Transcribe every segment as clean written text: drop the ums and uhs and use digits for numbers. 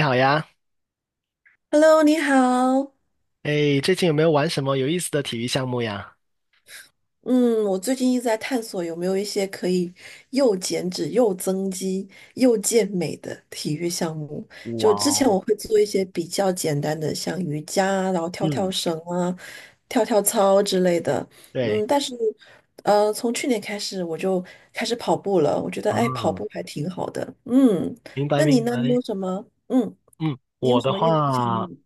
你好呀。Hello，你好。哎，最近有没有玩什么有意思的体育项目呀？嗯，我最近一直在探索有没有一些可以又减脂、又增肌、又健美的体育项目。哇就之前哦。我会做一些比较简单的，像瑜伽啊然后跳跳嗯。绳啊、跳跳操之类的。对。嗯，但是，从去年开始我就开始跑步了。我觉得，啊，哎，跑步还挺好的。嗯，明白那你明呢？你有白。什么？嗯，嗯，你有我什的么运动项话，目？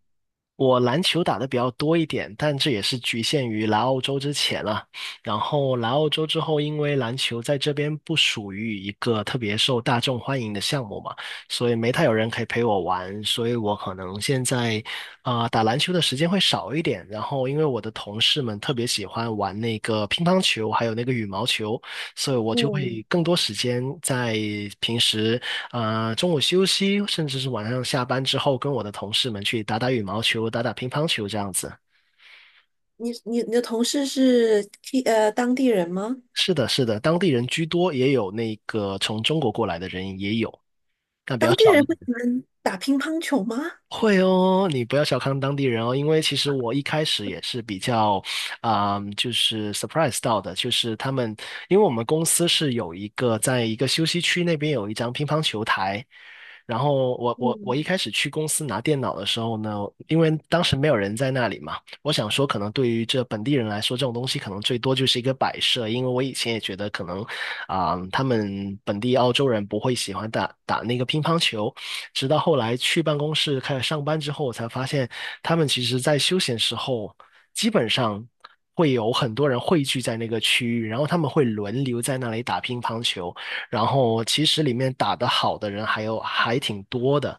我篮球打的比较多一点，但这也是局限于来澳洲之前了。然后来澳洲之后，因为篮球在这边不属于一个特别受大众欢迎的项目嘛，所以没太有人可以陪我玩，所以我可能现在打篮球的时间会少一点。然后因为我的同事们特别喜欢玩那个乒乓球，还有那个羽毛球，所以我就会嗯，更多时间在平时。啊，中午休息，甚至是晚上下班之后，跟我的同事们去打打羽毛球、打打乒乓球这样子。你的同事是 当地人吗？是的，是的，当地人居多，也有那个从中国过来的人也有，但比较当地少人一不喜点。欢打乒乓球吗？会哦，你不要小看当地人哦，因为其实我一开始也是比较，就是 surprise 到的，就是他们，因为我们公司是有一个在一个休息区那边有一张乒乓球台，然后我嗯，一开始去公司拿电脑的时候呢，因为当时没有人在那里嘛，我想说可能对于这本地人来说，这种东西可能最多就是一个摆设，因为我以前也觉得可能，他们本地澳洲人不会喜欢打打那个乒乓球。直到后来去办公室开始上班之后，我才发现他们其实在休闲时候，基本上会有很多人汇聚在那个区域，然后他们会轮流在那里打乒乓球，然后其实里面打得好的人还有还挺多的，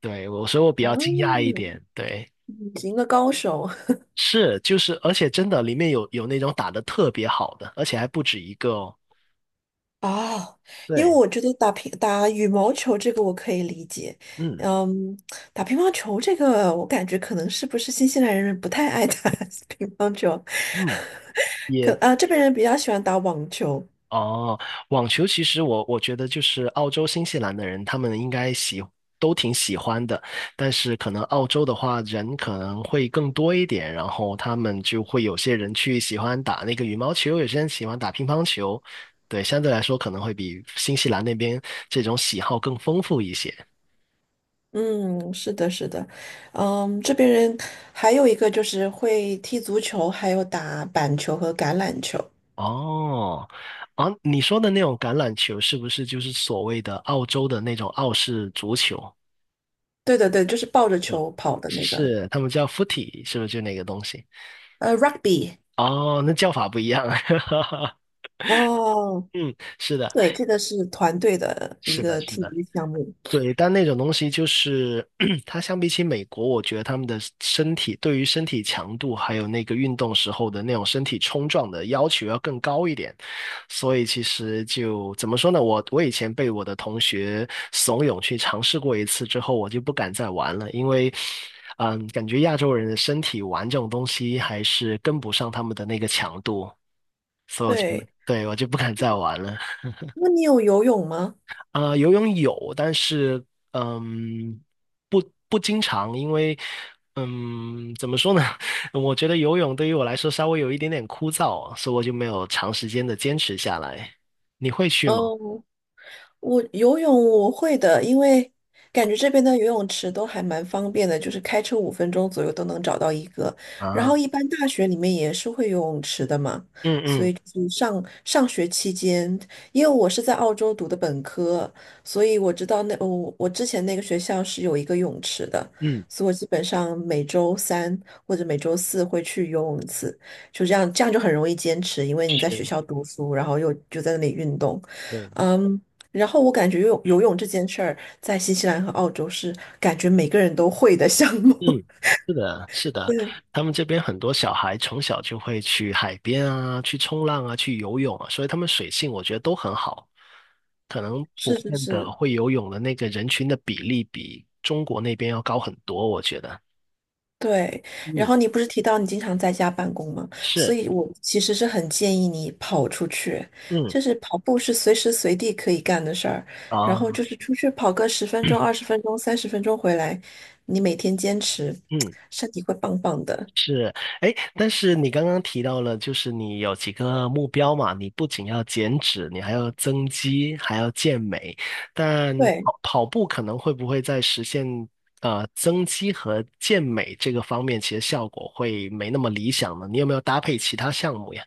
对，我所以我比啊，较惊讶一点，对。是一个高手 是，就是，而且真的里面有那种打得特别好的，而且还不止一个哦。哦，因为对。我觉得打羽毛球这个我可以理解，嗯嗯，打乒乓球这个我感觉可能是不是新西兰人不太爱打 乒乓球，嗯。可也啊这边人比较喜欢打网球，哦，网球其实我觉得就是澳洲、新西兰的人，他们应该都挺喜欢的，但是可能澳洲的话人可能会更多一点，然后他们就会有些人去喜欢打那个羽毛球，有些人喜欢打乒乓球，对，相对来说可能会比新西兰那边这种喜好更丰富一些。嗯，是的，是的，嗯，这边人还有一个就是会踢足球，还有打板球和橄榄球，哦，啊，你说的那种橄榄球是不是就是所谓的澳洲的那种澳式足球？对对对，就是抱着嗯，球跑的那个，是，他们叫 footy，是不是就那个东西？rugby，哦，那叫法不一样啊。哦，嗯，是的，对，这个是团队的一是的，个是体的，育项目。对。但那种东西就是，它相比起美国，我觉得他们的身体对于身体强度还有那个运动时候的那种身体冲撞的要求要更高一点。所以其实就怎么说呢？我以前被我的同学怂恿去尝试过一次之后，我就不敢再玩了，因为。嗯，感觉亚洲人的身体玩这种东西还是跟不上他们的那个强度。所有前辈，对，对，我就不敢再玩了。那你有游泳吗？游泳有，但是嗯，不不经常，因为嗯，怎么说呢？我觉得游泳对于我来说稍微有一点点枯燥，所以我就没有长时间的坚持下来。你会去吗？嗯，我游泳我会的，因为感觉这边的游泳池都还蛮方便的，就是开车5分钟左右都能找到一个。然啊。后一般大学里面也是会游泳池的嘛，嗯所嗯。以就是上上学期间，因为我是在澳洲读的本科，所以我知道我之前那个学校是有一个泳池的，嗯。所以我基本上每周三或者每周四会去游泳一次，就这样就很容易坚持，因为你在学是。校读书，然后又就在那里运动。对。嗯，然后我感觉游泳这件事儿，在新西兰和澳洲是感觉每个人都会的项目。嗯，是的，是的，对，他们这边很多小孩从小就会去海边啊，去冲浪啊，去游泳啊，所以他们水性我觉得都很好。可能普是是遍的是，会游泳的那个人群的比例比中国那边要高很多，我觉得。对。然嗯，后你不是提到你经常在家办公吗？所是。以我其实是很建议你跑出去，嗯。就是跑步是随时随地可以干的事儿，然后啊。就是出去跑个十分钟、20分钟、三十分钟回来，你每天坚持，嗯。身体会棒棒的。是。哎，但是你刚刚提到了，就是你有几个目标嘛，你不仅要减脂，你还要增肌，还要健美，但对，跑跑步可能会不会在实现增肌和健美这个方面，其实效果会没那么理想呢？你有没有搭配其他项目呀？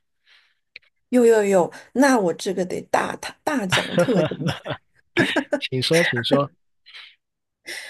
有有有，那我这个得大大大讲特讲。请说，请说。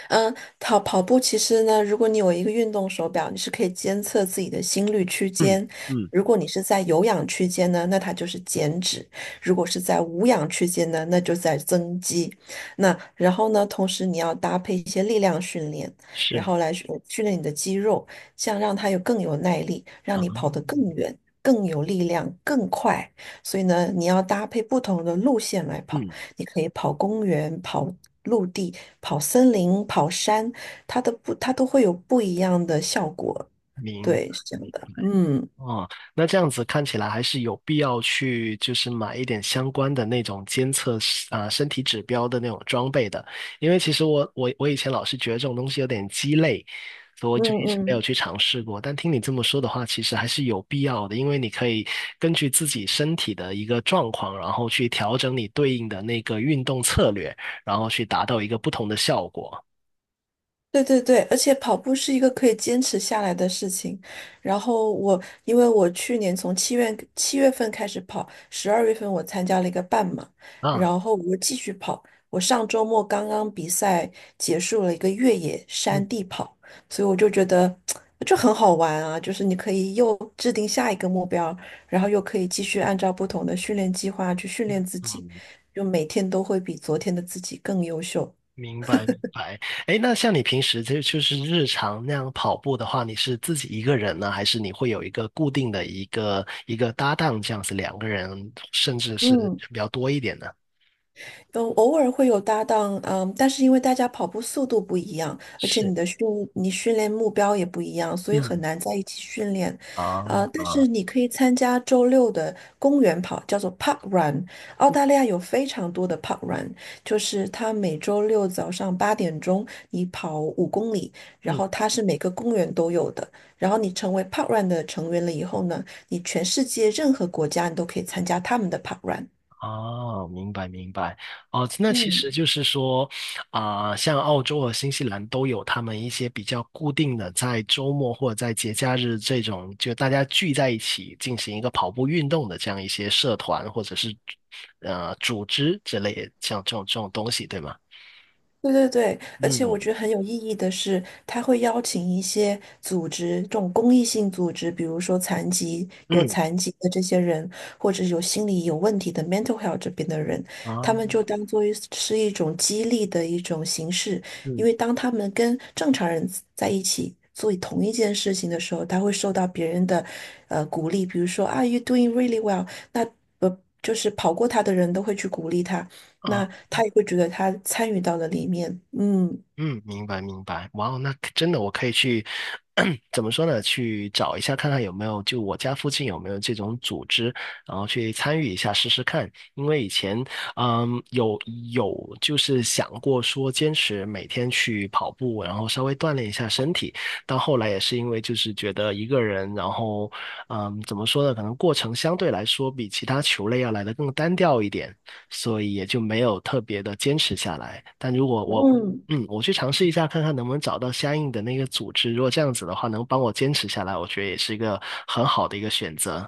嗯，跑跑步其实呢，如果你有一个运动手表，你是可以监测自己的心率区嗯间。嗯。如果你是在有氧区间呢，那它就是减脂；如果是在无氧区间呢，那就在增肌。那然后呢，同时你要搭配一些力量训练，然是后来训练你的肌肉，这样让它有更有耐力，让啊。你跑得更远、更有力量、更快。所以呢，你要搭配不同的路线来跑。嗯，你可以跑公园、跑陆地、跑森林、跑山，它都会有不一样的效果。明对，白。是这样的。嗯哦，那这样子看起来还是有必要去，就是买一点相关的那种监测是啊、身体指标的那种装备的，因为其实我以前老是觉得这种东西有点鸡肋，所以我嗯就一直没有嗯。去尝试过。但听你这么说的话，其实还是有必要的，因为你可以根据自己身体的一个状况，然后去调整你对应的那个运动策略，然后去达到一个不同的效果对对对，而且跑步是一个可以坚持下来的事情。然后我，因为我去年从七月份开始跑，12月份我参加了一个半马，啊。然后我又继续跑。我上周末刚刚比赛结束了一个越野嗯山地跑，所以我就觉得 就很好玩啊，就是你可以又制定下一个目标，然后又可以继续按照不同的训练计划去训练自己，嗯。就每天都会比昨天的自己更优秀。明白明白。哎，那像你平时就是日常那样跑步的话，你是自己一个人呢，还是你会有一个固定的一个搭档这样子，两个人甚至是嗯，比较多一点的？都偶尔会有搭档，嗯，但是因为大家跑步速度不一样，而且是。你训练目标也不一样，所以很嗯。难在一起训练。啊但啊。是你可以参加周六的公园跑，叫做 Park Run。澳大利亚有非常多的 Park Run，就是它每周六早上8点钟，你跑5公里，然嗯。后它是每个公园都有的。然后你成为 Park Run 的成员了以后呢，你全世界任何国家你都可以参加他们的 Park Run。哦，明白明白。哦，那其实嗯。就是说，像澳洲和新西兰都有他们一些比较固定的，在周末或者在节假日这种，就大家聚在一起进行一个跑步运动的这样一些社团或者是组织之类的，像这种这种东西，对吗？对对对，而且我嗯觉得很有意义的是，他会邀请一些组织，这种公益性组织，比如说残疾、有嗯残疾的这些人，或者有心理有问题的 mental health 这边的人，他们就啊当做是一种激励的一种形式，因嗯。为当他们跟正常人在一起做同一件事情的时候，他会受到别人的鼓励，比如说 Are you doing really well，那。就是跑过他的人都会去鼓励他，啊。那他也会觉得他参与到了里面，嗯。嗯，明白明白，哇哦，那可真的我可以去，怎么说呢？去找一下看看有没有，就我家附近有没有这种组织，然后去参与一下试试看。因为以前，嗯，有就是想过说坚持每天去跑步，然后稍微锻炼一下身体，到后来也是因为就是觉得一个人，然后，嗯，怎么说呢？可能过程相对来说比其他球类要来的更单调一点。所以也就没有特别的坚持下来。但如果我嗯，嗯，我去尝试一下，看看能不能找到相应的那个组织。如果这样子的话，能帮我坚持下来，我觉得也是一个很好的一个选择。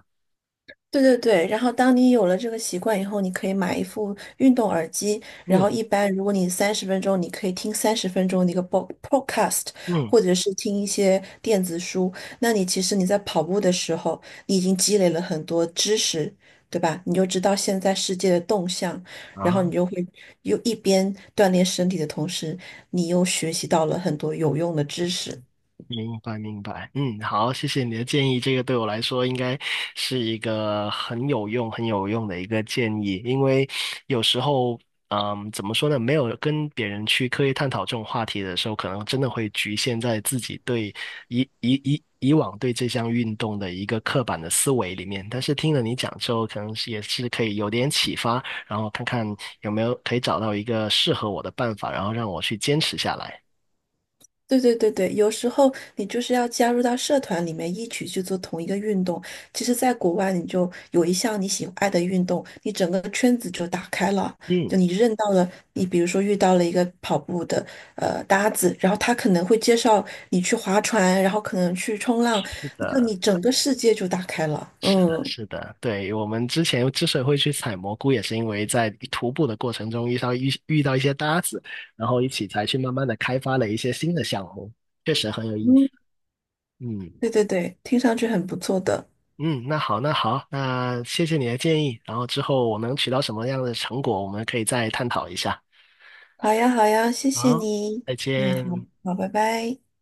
对对对，然后当你有了这个习惯以后，你可以买一副运动耳机，然嗯后一般如果你三十分钟，你可以听三十分钟的一个 podcast，嗯。或者是听一些电子书，那你其实你在跑步的时候，你已经积累了很多知识，对吧？你就知道现在世界的动向，然后你啊。就会又一边锻炼身体的同时，你又学习到了很多有用的知识。明白，明白。嗯，好，谢谢你的建议。这个对我来说应该是一个很有用、很有用的一个建议，因为有时候，嗯，怎么说呢？没有跟别人去刻意探讨这种话题的时候，可能真的会局限在自己对以往对这项运动的一个刻板的思维里面。但是听了你讲之后，可能是也是可以有点启发，然后看看有没有可以找到一个适合我的办法，然后让我去坚持下来。对对对对，有时候你就是要加入到社团里面一起去做同一个运动。其实，在国外，你就有一项你喜爱的运动，你整个圈子就打开了。嗯，就你认到了，你比如说遇到了一个跑步的搭子，然后他可能会介绍你去划船，然后可能去冲浪，是就的。你整个世界就打开了。是的，嗯是的，对，我们之前之所以会去采蘑菇，也是因为在徒步的过程中遇到一些搭子，然后一起才去慢慢的开发了一些新的项目，确实很有意思。嗯，嗯对对对，听上去很不错的。嗯。那好，那好，那谢谢你的建议，然后之后我能取到什么样的成果，我们可以再探讨一下。好呀好呀，谢谢好，你。再嗯，好见。好，拜拜。